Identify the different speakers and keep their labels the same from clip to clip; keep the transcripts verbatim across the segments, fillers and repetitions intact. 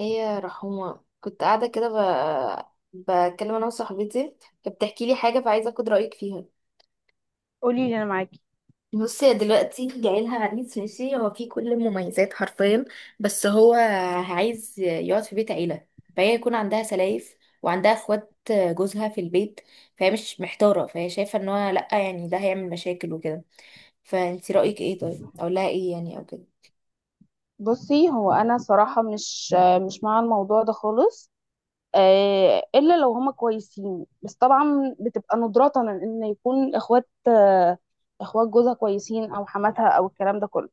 Speaker 1: ايه يا رحومة، كنت قاعدة كده ب... بتكلم انا وصاحبتي، فبتحكي لي حاجة، فعايزة اخد رأيك فيها.
Speaker 2: قولي لي انا معاكي.
Speaker 1: بصي، هي دلوقتي جايلها عريس ماشي، هو فيه كل المميزات حرفيا، بس هو عايز يقعد في بيت عيلة، فهي يكون عندها سلايف، وعندها اخوات جوزها في البيت، فهي مش محتارة، فهي شايفة ان هو لأ، يعني ده هيعمل مشاكل وكده. فانتي رأيك ايه؟ طيب اقول لها ايه يعني، او كده؟
Speaker 2: بصي، هو انا صراحه مش مش مع الموضوع ده خالص. آه، الا لو هما كويسين، بس طبعا بتبقى ندرة ان يكون اخوات آه، اخوات جوزها كويسين، او حماتها، او الكلام ده كله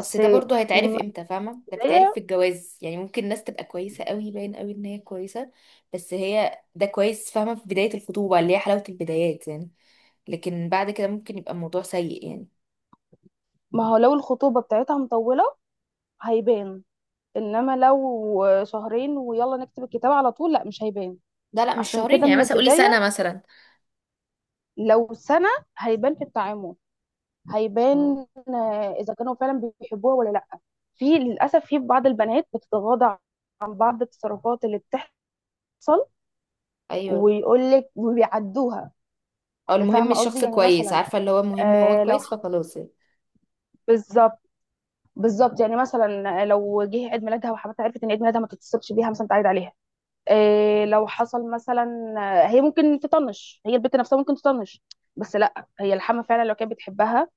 Speaker 1: اصل ده برضو هيتعرف
Speaker 2: من
Speaker 1: امتى، فاهمه؟ ده بيتعرف في
Speaker 2: البدايه،
Speaker 1: الجواز، يعني ممكن الناس تبقى كويسه قوي، باين قوي ان هي كويسه. بس هي ده كويس، فاهمه، في بدايه الخطوبه، اللي هي حلاوه البدايات يعني. لكن بعد كده ممكن يبقى الموضوع سيء يعني.
Speaker 2: ما هو لو الخطوبه بتاعتها مطوله هيبان. انما لو شهرين ويلا نكتب الكتاب على طول، لا مش هيبان.
Speaker 1: لا لا، مش
Speaker 2: عشان
Speaker 1: شهرين،
Speaker 2: كده
Speaker 1: يعني
Speaker 2: من
Speaker 1: مثلا قولي
Speaker 2: البدايه،
Speaker 1: سنه مثلا.
Speaker 2: لو سنه هيبان في التعامل.
Speaker 1: اه.
Speaker 2: هيبان آه، اذا كانوا فعلا بيحبوها ولا لا. في للاسف في بعض البنات بتتغاضى عن بعض التصرفات اللي بتحصل،
Speaker 1: ايوه.
Speaker 2: ويقول لك وبيعدوها.
Speaker 1: او المهم
Speaker 2: فاهمه قصدي،
Speaker 1: الشخص
Speaker 2: يعني
Speaker 1: كويس،
Speaker 2: مثلا
Speaker 1: عارفه، اللي هو المهم هو
Speaker 2: آه لو
Speaker 1: كويس،
Speaker 2: ح-
Speaker 1: فخلاص يعني.
Speaker 2: بالظبط. بالظبط، يعني مثلا آه، لو جه عيد ميلادها وحماتها عرفت ان عيد ميلادها، ما تتصلش بيها مثلا تعيد عليها. آه لو حصل مثلا آه، هي ممكن تطنش، هي البنت نفسها ممكن تطنش. بس لا، هي الحما فعلا لو كانت بتحبها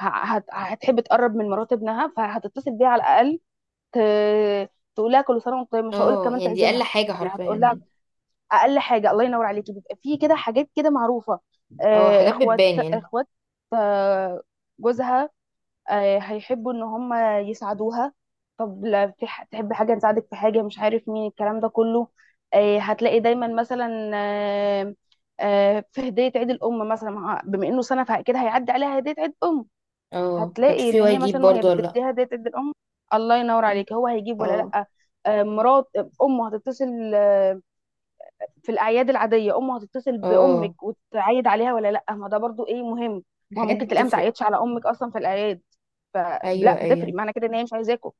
Speaker 2: ه- هت- هتحب تقرب من مرات ابنها، فهتتصل بيها على الاقل، ت- تقول لها كل سنه وانت طيب، مش هقول لك
Speaker 1: اه،
Speaker 2: كمان
Speaker 1: يعني دي
Speaker 2: تعزمها.
Speaker 1: اقل حاجه
Speaker 2: يعني
Speaker 1: حرفيا
Speaker 2: هتقول لها،
Speaker 1: يعني.
Speaker 2: اقل حاجه الله ينور عليكي. بيبقى في كده حاجات كده معروفه.
Speaker 1: اه،
Speaker 2: آه،
Speaker 1: حاجات
Speaker 2: اخوات
Speaker 1: بتبان يعني.
Speaker 2: اخوات آه، جوزها، آه، هيحبوا ان هم يساعدوها. طب لا، في ح- تحب حاجه، نساعدك في حاجه، مش عارف مين، الكلام ده كله. آه، هتلاقي دايما مثلا آه، آه، في هديه عيد الام مثلا، مع- بما انه سنه فاكيد هيعدي عليها هديه عيد ام.
Speaker 1: اه،
Speaker 2: هتلاقي
Speaker 1: هتشوفي
Speaker 2: ان
Speaker 1: هو
Speaker 2: هي
Speaker 1: يجيب
Speaker 2: مثلا، وهي
Speaker 1: برضو ولا لا.
Speaker 2: بتديها، ديت ادي الام الله ينور عليك، هو هيجيب ولا
Speaker 1: اه.
Speaker 2: لا. آه، مرات امه هتتصل آه، في الاعياد العاديه، امه هتتصل
Speaker 1: اه،
Speaker 2: بامك وتعيد عليها ولا لا؟ ما ده برضو ايه مهم. ما هو
Speaker 1: الحاجات دي
Speaker 2: ممكن تلاقيها ما
Speaker 1: بتفرق.
Speaker 2: تعيدش على امك اصلا في الاعياد،
Speaker 1: ايوه،
Speaker 2: فلا بتفرق،
Speaker 1: ايوه،
Speaker 2: معنى كده ان هي مش عايزاكم،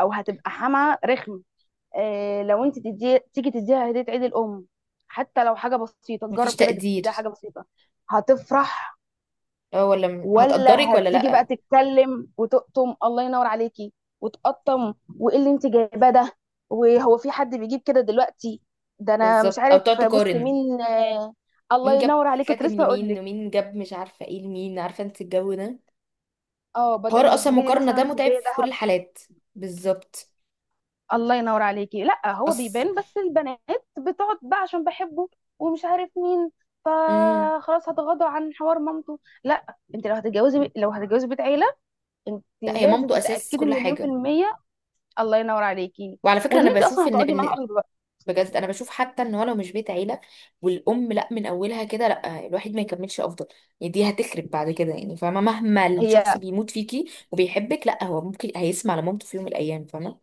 Speaker 2: او هتبقى حما رخم. آه، لو انت تدي، تيجي تديها هديه عيد الام، حتى لو حاجه بسيطه،
Speaker 1: مفيش
Speaker 2: جرب كده
Speaker 1: تقدير.
Speaker 2: تديها حاجه بسيطه هتفرح.
Speaker 1: اه، ولا م- هتقدرك
Speaker 2: ولا
Speaker 1: ولا
Speaker 2: هتيجي بقى
Speaker 1: لأ.
Speaker 2: تتكلم وتقطم، الله ينور عليكي، وتقطم، وايه اللي انت جايباه ده، وهو في حد بيجيب كده دلوقتي، ده انا مش
Speaker 1: بالظبط، او
Speaker 2: عارف.
Speaker 1: تقعد
Speaker 2: بص
Speaker 1: تقارن.
Speaker 2: مين آه، الله
Speaker 1: مين جاب
Speaker 2: ينور عليك، كنت
Speaker 1: كاتم
Speaker 2: لسه اقول
Speaker 1: لمين،
Speaker 2: لك.
Speaker 1: ومين جاب مش عارفة ايه لمين، عارفة انت الجو ده.
Speaker 2: اه
Speaker 1: حوار
Speaker 2: بدل ما
Speaker 1: اصلا،
Speaker 2: تجيبي لي
Speaker 1: مقارنة
Speaker 2: مثلا
Speaker 1: ده متعب
Speaker 2: هديه
Speaker 1: في كل
Speaker 2: ذهب،
Speaker 1: الحالات. بالظبط.
Speaker 2: الله ينور عليكي. لا هو
Speaker 1: اصل.
Speaker 2: بيبان، بس البنات بتقعد بقى عشان بحبه ومش عارف مين،
Speaker 1: امم
Speaker 2: فخلاص هتغاضى عن حوار مامته. لا، انت لو هتتجوزي، لو هتتجوزي بيت عيله، انت
Speaker 1: لا، هي
Speaker 2: لازم
Speaker 1: مامته اساس
Speaker 2: تتاكدي
Speaker 1: كل
Speaker 2: مليون في
Speaker 1: حاجة.
Speaker 2: المية. الله ينور عليكي،
Speaker 1: وعلى فكرة
Speaker 2: وان
Speaker 1: انا
Speaker 2: انت اصلا
Speaker 1: بشوف ان
Speaker 2: هتقعدي
Speaker 1: بن...
Speaker 2: معاها قريب بقى.
Speaker 1: بجد انا بشوف حتى ان هو لو مش بيت عيلة والام، لا من اولها كده، لا الواحد ما يكملش افضل. يعني دي هتخرب بعد كده، يعني فاهمة مهما الشخص
Speaker 2: هي
Speaker 1: بيموت فيكي وبيحبك، لا هو ممكن هيسمع لمامته في يوم من الايام، فاهمة؟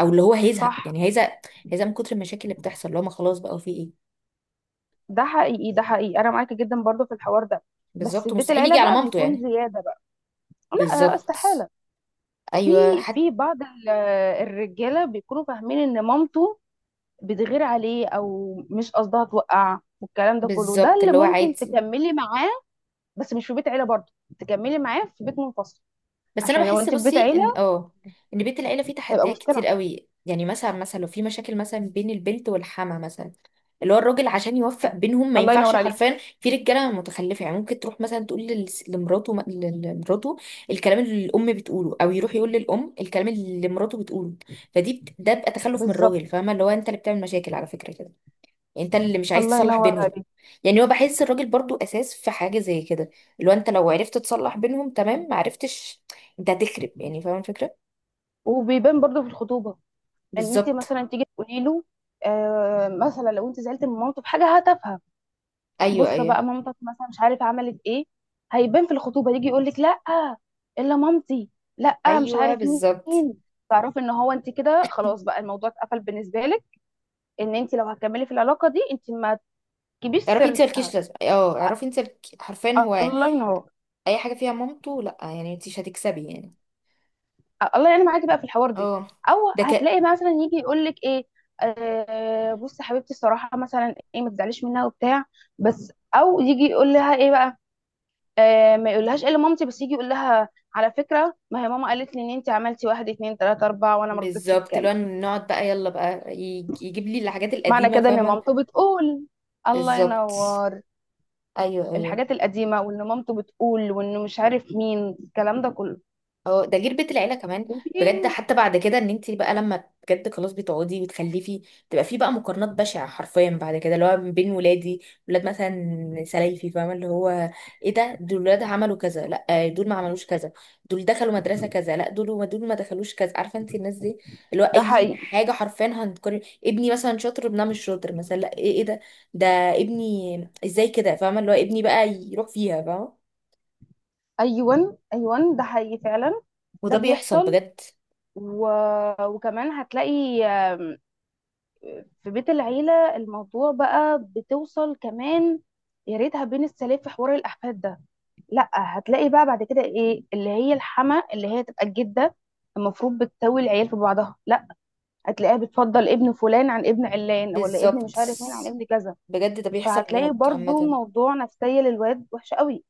Speaker 1: او اللي هو هيزهق،
Speaker 2: صح.
Speaker 1: يعني هيزهق. هيزهق من كتر المشاكل اللي بتحصل، اللي هو ما خلاص بقى في ايه.
Speaker 2: ده حقيقي، ده حقيقي، انا معاكي جدا برضو في الحوار ده. بس
Speaker 1: بالظبط،
Speaker 2: بيت
Speaker 1: مستحيل
Speaker 2: العيله
Speaker 1: يجي على
Speaker 2: بقى
Speaker 1: مامته
Speaker 2: بيكون
Speaker 1: يعني.
Speaker 2: زياده بقى، لا
Speaker 1: بالظبط.
Speaker 2: استحاله. في
Speaker 1: ايوه حتى.
Speaker 2: في بعض ال- الرجاله بيكونوا فاهمين ان مامته بتغير عليه، او مش قصدها توقع والكلام ده كله، ده
Speaker 1: بالظبط
Speaker 2: اللي
Speaker 1: اللي هو
Speaker 2: ممكن
Speaker 1: عادي.
Speaker 2: تكملي معاه. بس مش في بيت عيله برضو، تكملي معاه في بيت منفصل.
Speaker 1: بس انا
Speaker 2: عشان لو
Speaker 1: بحس،
Speaker 2: انت في بيت
Speaker 1: بصي، ان
Speaker 2: عيله
Speaker 1: اه ان بيت العيله فيه
Speaker 2: هيبقى
Speaker 1: تحديات كتير
Speaker 2: مشكله.
Speaker 1: قوي. يعني مثلا مثلا لو في مشاكل مثلا بين البنت والحما مثلا، اللي هو الراجل عشان يوفق بينهم ما
Speaker 2: الله
Speaker 1: ينفعش
Speaker 2: ينور عليك،
Speaker 1: حرفيا. في رجاله متخلفه، يعني ممكن تروح مثلا تقول لل- لمراته ل- لمراته الكلام اللي الام بتقوله، او يروح يقول للام الكلام اللي مراته بتقوله. فدي بت... ده بقى تخلف من
Speaker 2: بالظبط،
Speaker 1: الراجل، فاهمه؟ اللي هو انت اللي بتعمل مشاكل على فكره كده. يعني انت اللي مش عايز
Speaker 2: الله
Speaker 1: تصلح
Speaker 2: ينور
Speaker 1: بينهم.
Speaker 2: عليك.
Speaker 1: يعني هو بحس الراجل برضو اساس في حاجه زي كده، اللي هو انت لو عرفت تصلح بينهم تمام، ما عرفتش انت هتخرب، يعني فاهم الفكره.
Speaker 2: وبيبان برضو في الخطوبه، ان انت
Speaker 1: بالظبط.
Speaker 2: مثلا تيجي تقولي له، آه مثلا لو انت زعلت من مامته في حاجه هتافهه.
Speaker 1: ايوه،
Speaker 2: بص
Speaker 1: ايوه،
Speaker 2: بقى مامتك مثلا مش عارف عملت ايه، هيبان في الخطوبه، يجي يقول لك لا، الا مامتي، لا، مش
Speaker 1: ايوه،
Speaker 2: عارف
Speaker 1: بالظبط،
Speaker 2: مين. تعرفي ان هو، انت كده خلاص بقى، الموضوع اتقفل بالنسبه لك، ان انت لو هتكملي في العلاقه دي، انت ما تجيبيش
Speaker 1: اعرفي انت مالكيش
Speaker 2: سيرتها.
Speaker 1: لازمه، اه اعرفي انت الك- حرفيا هو
Speaker 2: الله ينور.
Speaker 1: اي حاجه فيها مامته لا، يعني انت مش هتكسبي يعني.
Speaker 2: الله يعين معاكي بقى في الحوار دي.
Speaker 1: اه.
Speaker 2: او
Speaker 1: ده ك
Speaker 2: هتلاقي مثلا يجي يقول لك ايه، آه بصي حبيبتي الصراحه مثلا ايه، ما تزعليش منها وبتاع بس. او يجي يقول لها ايه بقى، آه ما يقولهاش الا مامتي، بس يجي يقول لها على فكره، ما هي ماما قالت لي ان انت عملتي واحد اتنين تلاته اربعه وانا ما رضيتش
Speaker 1: بالظبط، اللي
Speaker 2: اتكلم.
Speaker 1: هو نقعد بقى، يلا بقى يج- يجيب لي الحاجات
Speaker 2: معنى
Speaker 1: القديمه
Speaker 2: كده ان
Speaker 1: فاهمه.
Speaker 2: مامته بتقول، الله
Speaker 1: بالظبط.
Speaker 2: ينور،
Speaker 1: ايوه، ايوه.
Speaker 2: الحاجات القديمه، وان مامته بتقول، وانه مش عارف مين، الكلام ده كله،
Speaker 1: اه، ده غير بيت العيله كمان. بجد
Speaker 2: وفين.
Speaker 1: حتى بعد كده، ان انت بقى لما بجد خلاص بتقعدي وتخلفي، تبقى في بقى مقارنات بشعه حرفيا بعد كده، اللي هو بين ولادي، ولاد مثلا سلايفي، فاهمه؟ اللي هو ايه ده، دول ولاد عملوا كذا، لا دول ما عملوش كذا، دول دخلوا مدرسه كذا، لا دول ما دول ما دخلوش كذا، عارفه انت الناس دي. اللي هو
Speaker 2: ده
Speaker 1: اي
Speaker 2: حقيقي.
Speaker 1: حاجه حرفيا هنقارن، ابني مثلا شاطر، ابنها مش شاطر مثلا، لا ايه، ايه ده؟ ده ابني ازاي كده، فاهمه؟ اللي هو ابني بقى يروح فيها، فاهمه؟
Speaker 2: ايوه ايوه ده حقيقي فعلا. ده
Speaker 1: وده بيحصل
Speaker 2: بيحصل.
Speaker 1: بجد.
Speaker 2: و... وكمان هتلاقي آم، في بيت العيلة الموضوع بقى بتوصل كمان. يا ريتها بين السلام في حوار الأحفاد ده. لا، هتلاقي بقى بعد كده، ايه اللي هي الحما اللي هي تبقى الجدة المفروض بتساوي العيال في بعضها، لا، هتلاقيها بتفضل ابن فلان عن ابن علان، ولا ابن
Speaker 1: بالظبط،
Speaker 2: مش عارف مين عن ابن كذا.
Speaker 1: بجد ده بيحصل
Speaker 2: فهتلاقي
Speaker 1: موت
Speaker 2: برضو
Speaker 1: عامة.
Speaker 2: موضوع نفسية للواد وحش قوي.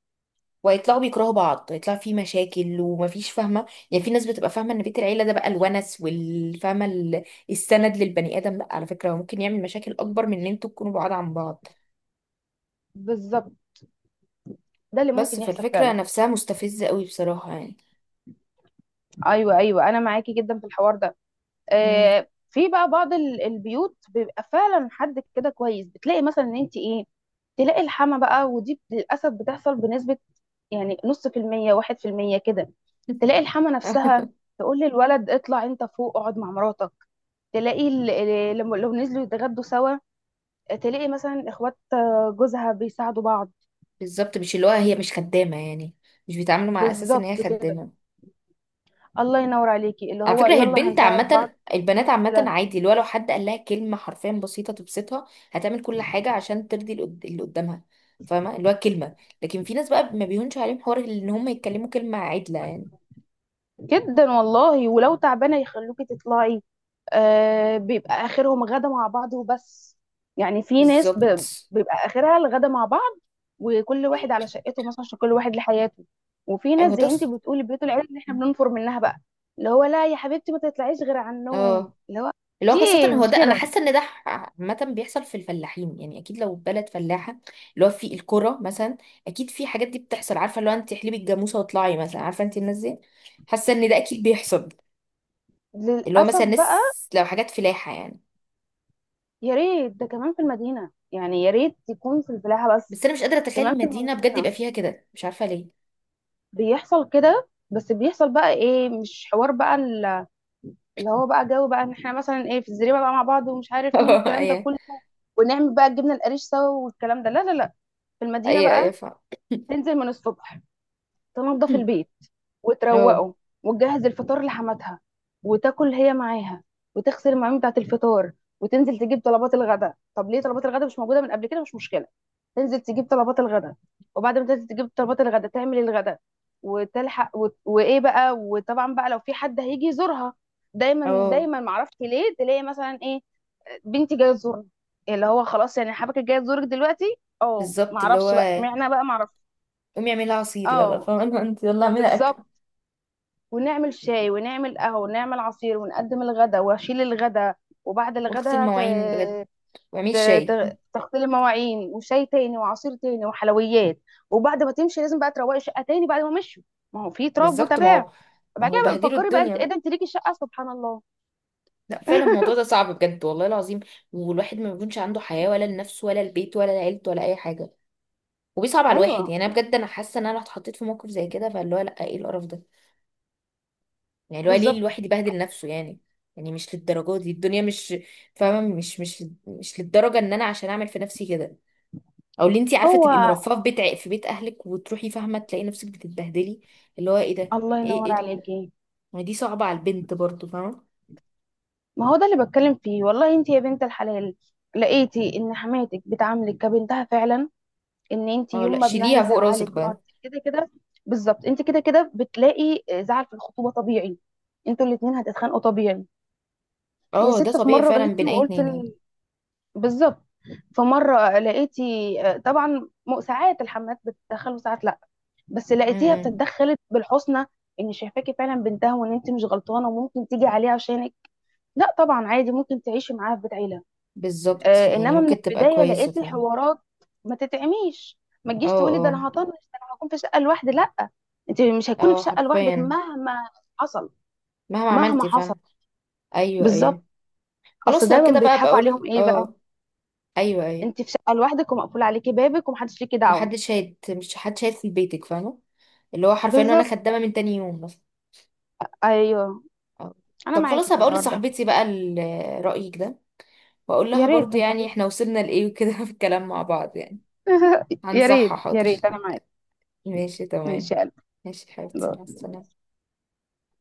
Speaker 1: ويطلعوا بيكرهوا بعض، يطلع في مشاكل ومفيش، فاهمة؟ يعني في ناس بتبقى فاهمة ان بيت العيلة ده بقى الونس، والفاهمة ال- السند للبني آدم، لا على فكرة هو ممكن يعمل مشاكل أكبر من ان انتوا تكونوا بعاد عن بعض.
Speaker 2: بالظبط، ده اللي
Speaker 1: بس
Speaker 2: ممكن يحصل
Speaker 1: فالفكرة
Speaker 2: فعلا.
Speaker 1: نفسها مستفزة قوي بصراحة يعني.
Speaker 2: ايوه ايوه، انا معاكي جدا في الحوار ده.
Speaker 1: مم.
Speaker 2: آه، في بقى بعض ال- البيوت بيبقى فعلا حد كده كويس، بتلاقي مثلا ان انت ايه، تلاقي الحما بقى. ودي للاسف بتحصل بنسبه، يعني نص في المية، واحد في المية كده. تلاقي الحما نفسها تقول للولد، اطلع انت فوق اقعد مع مراتك. تلاقي ال- ال- لما لو نزلوا يتغدوا سوا، تلاقي مثلا اخوات آه، جوزها بيساعدوا بعض.
Speaker 1: بالظبط، مش اللي هو هي مش خدامة يعني، مش بيتعاملوا مع أساس ان
Speaker 2: بالظبط
Speaker 1: هي
Speaker 2: كده،
Speaker 1: خدامة.
Speaker 2: الله ينور عليكي، اللي
Speaker 1: على
Speaker 2: هو
Speaker 1: فكرة هي
Speaker 2: يلا
Speaker 1: البنت
Speaker 2: هنساعد بعض.
Speaker 1: عامة، البنات عامة عادي، اللي هو لو حد قال لها كلمة حرفيا بسيطة تبسطها، هتعمل كل حاجة عشان ترضي اللي قد- اللي قدامها، فاهمة؟ اللي هو كلمة. لكن في ناس بقى ما بيهونش عليهم حوار ان هم يتكلموا كلمة عدلة يعني.
Speaker 2: جدا والله، ولو تعبانة يخلوكي تطلعي. آه بيبقى آخرهم غدا مع بعض وبس. يعني في ناس ب...
Speaker 1: بالظبط.
Speaker 2: بيبقى آخرها الغدا مع بعض. وكل واحد على شقته مثلا، عشان كل واحد لحياته. وفي ناس
Speaker 1: ايوه.
Speaker 2: زي
Speaker 1: ده
Speaker 2: انت
Speaker 1: ص-
Speaker 2: بتقولي بيوت العيلة اللي احنا بننفر منها بقى. اللي هو لا يا حبيبتي، ما تطلعيش غير على النوم،
Speaker 1: اه،
Speaker 2: اللي هو
Speaker 1: اللي هو خاصة
Speaker 2: ايه
Speaker 1: هو
Speaker 2: مش
Speaker 1: ده، انا
Speaker 2: كده.
Speaker 1: حاسة ان ده ح- عامة بيحصل في الفلاحين، يعني اكيد لو بلد فلاحة، اللي هو في الكرة مثلا، اكيد في حاجات دي بتحصل، عارفة اللي هو انت احلبي الجاموسة واطلعي مثلا، عارفة انت الناس دي. حاسة ان ده اكيد بيحصل، اللي هو
Speaker 2: للأسف
Speaker 1: مثلا
Speaker 2: بقى.
Speaker 1: ناس لو حاجات فلاحة يعني.
Speaker 2: يا ريت ده كمان في المدينة، يعني يا ريت يكون في الفلاحة
Speaker 1: بس
Speaker 2: بس.
Speaker 1: انا مش قادرة اتخيل
Speaker 2: كمان في
Speaker 1: المدينة بجد يبقى
Speaker 2: المدينة
Speaker 1: فيها كده، مش عارفة ليه.
Speaker 2: بيحصل كده، بس بيحصل بقى ايه، مش حوار بقى ال- اللي هو بقى جو بقى، ان احنا مثلا ايه، في الزريبه بقى مع بعض، ومش عارف مين،
Speaker 1: اه.
Speaker 2: والكلام ده
Speaker 1: ايوه.
Speaker 2: كله، ونعمل بقى الجبنه القريش سوا والكلام ده. لا لا لا، في المدينه
Speaker 1: ايوه، ايوه،
Speaker 2: بقى
Speaker 1: فاهم.
Speaker 2: تنزل من الصبح، تنضف البيت
Speaker 1: اه.
Speaker 2: وتروقه، وتجهز الفطار لحماتها وتاكل هي معاها، وتغسل المواعين بتاعت الفطار. وتنزل تجيب طلبات الغداء، طب ليه طلبات الغداء مش موجوده من قبل كده؟ مش مشكله، تنزل تجيب طلبات الغداء، وبعد ما تنزل تجيب طلبات الغداء تعمل الغداء، وتلحق وت... وايه بقى. وطبعا بقى لو في حد هيجي يزورها، دايما
Speaker 1: اه،
Speaker 2: دايما معرفش ليه، تلاقي مثلا ايه، بنتي جايه تزورنا، اللي هو خلاص يعني حبك جايه تزورك دلوقتي، اه
Speaker 1: بالظبط، اللي هو
Speaker 2: معرفش بقى اشمعنى بقى معرفش.
Speaker 1: قومي اعملي عصير يلا،
Speaker 2: اه
Speaker 1: فاهمة؟ انت يلا اعملي اكل
Speaker 2: بالظبط، ونعمل شاي ونعمل قهوة ونعمل عصير، ونقدم الغدا واشيل الغدا. وبعد
Speaker 1: واغسل
Speaker 2: الغدا ت...
Speaker 1: المواعين بجد واعملي
Speaker 2: ت...
Speaker 1: شاي.
Speaker 2: ت... تغسلي المواعين، وشاي تاني وعصير تاني وحلويات. وبعد ما تمشي لازم بقى تروقي الشقة تاني بعد ما مشوا، ما هو في تراب
Speaker 1: بالظبط. ما
Speaker 2: وتباع.
Speaker 1: هو ما
Speaker 2: بعد
Speaker 1: هو
Speaker 2: كده بقى
Speaker 1: بهدلوا
Speaker 2: فكري بقى
Speaker 1: الدنيا
Speaker 2: انت، ايه ده،
Speaker 1: بقى.
Speaker 2: انت ليكي الشقة؟ سبحان الله.
Speaker 1: لا فعلا الموضوع ده صعب بجد، والله العظيم. والواحد ما بيكونش عنده حياة، ولا لنفسه ولا البيت ولا لعيلته ولا اي حاجة. وبيصعب على الواحد.
Speaker 2: ايوه،
Speaker 1: يعني انا بجد، انا حاسه ان انا لو اتحطيت في موقف زي كده فاللي هو لا، ايه القرف ده؟ يعني اللي هو ليه
Speaker 2: بالظبط.
Speaker 1: الواحد يبهدل نفسه يعني. يعني مش للدرجة دي الدنيا، مش فاهمة، مش مش مش للدرجة ان انا عشان اعمل في نفسي كده، او اللي انتي عارفة
Speaker 2: هو،
Speaker 1: تبقي مرفهة في بيت ع- في بيت اهلك وتروحي، فاهمة؟ تلاقي نفسك بتتبهدلي. اللي هو ايه ده،
Speaker 2: الله
Speaker 1: ايه
Speaker 2: ينور
Speaker 1: ايه ده؟
Speaker 2: عليكي.
Speaker 1: ما دي صعبة على البنت برضو، فاهمة؟
Speaker 2: ما هو ده اللي بتكلم فيه والله، انت يا بنت الحلال، لقيتي ان حماتك بتعاملك كبنتها فعلا، ان انت
Speaker 1: اه، لا
Speaker 2: يوم ما ابنها
Speaker 1: شيليها فوق راسك
Speaker 2: يزعلك ما
Speaker 1: بقى.
Speaker 2: انت كده كده. بالظبط، انت كده كده بتلاقي زعل في الخطوبه طبيعي، انتوا الاتنين هتتخانقوا طبيعي. يا
Speaker 1: اه، ده
Speaker 2: ست، في
Speaker 1: طبيعي
Speaker 2: مره
Speaker 1: فعلا
Speaker 2: غلطتي
Speaker 1: بين اي
Speaker 2: وقلت
Speaker 1: اتنين يعني.
Speaker 2: ال... بالظبط. فمره لقيتي آه، طبعا، م- ساعات الحمات بتتدخل وساعات لا، بس لقيتيها
Speaker 1: امم.
Speaker 2: بتتدخلت بالحسنى، ان شايفاكي فعلا بنتها، وان انت مش غلطانه وممكن تيجي عليها عشانك. لا طبعا، عادي ممكن تعيشي معاها في بيت عيله.
Speaker 1: بالظبط،
Speaker 2: آه،
Speaker 1: يعني
Speaker 2: انما من
Speaker 1: ممكن تبقى
Speaker 2: البدايه
Speaker 1: كويسة،
Speaker 2: لقيت
Speaker 1: فاهمة.
Speaker 2: الحوارات ما تتعميش، ما
Speaker 1: اه،
Speaker 2: تجيش تقولي ده
Speaker 1: اه،
Speaker 2: انا هطنش، ده انا هكون في شقه لوحدي، لا انت مش هتكوني في
Speaker 1: اه،
Speaker 2: شقه لوحدك
Speaker 1: حرفيا
Speaker 2: مهما حصل،
Speaker 1: مهما
Speaker 2: مهما
Speaker 1: عملتي،
Speaker 2: حصل.
Speaker 1: فاهمة. ايوه، ايوه،
Speaker 2: بالظبط. اصل
Speaker 1: خلاص لو
Speaker 2: دايما
Speaker 1: كده بقى
Speaker 2: بيضحكوا عليهم
Speaker 1: بقول
Speaker 2: ايه بقى،
Speaker 1: اه. ايوه، ايوه،
Speaker 2: انت في شقه لوحدك ومقفول عليكي بابك ومحدش ليكي
Speaker 1: ما
Speaker 2: دعوه.
Speaker 1: حدش شايت مش حد شايت في بيتك، فاهمه؟ اللي هو حرفيا انا
Speaker 2: بالظبط،
Speaker 1: خدامه من تاني يوم مثلا.
Speaker 2: ايوه،
Speaker 1: أو-
Speaker 2: انا
Speaker 1: طب
Speaker 2: معاكي
Speaker 1: خلاص،
Speaker 2: في
Speaker 1: هبقى اقول
Speaker 2: الحوار ده.
Speaker 1: لصاحبتي بقى ال- رايك ده، واقول
Speaker 2: يا
Speaker 1: لها
Speaker 2: ريت
Speaker 1: برضو يعني
Speaker 2: تنصحيها.
Speaker 1: احنا وصلنا لايه وكده في الكلام مع بعض يعني.
Speaker 2: يا
Speaker 1: هنصحها،
Speaker 2: ريت يا
Speaker 1: حاضر.
Speaker 2: ريت، انا معاكي.
Speaker 1: ماشي، تمام.
Speaker 2: ماشي يا
Speaker 1: ماشي حبيبتي، مع
Speaker 2: قلبي.
Speaker 1: السلامه.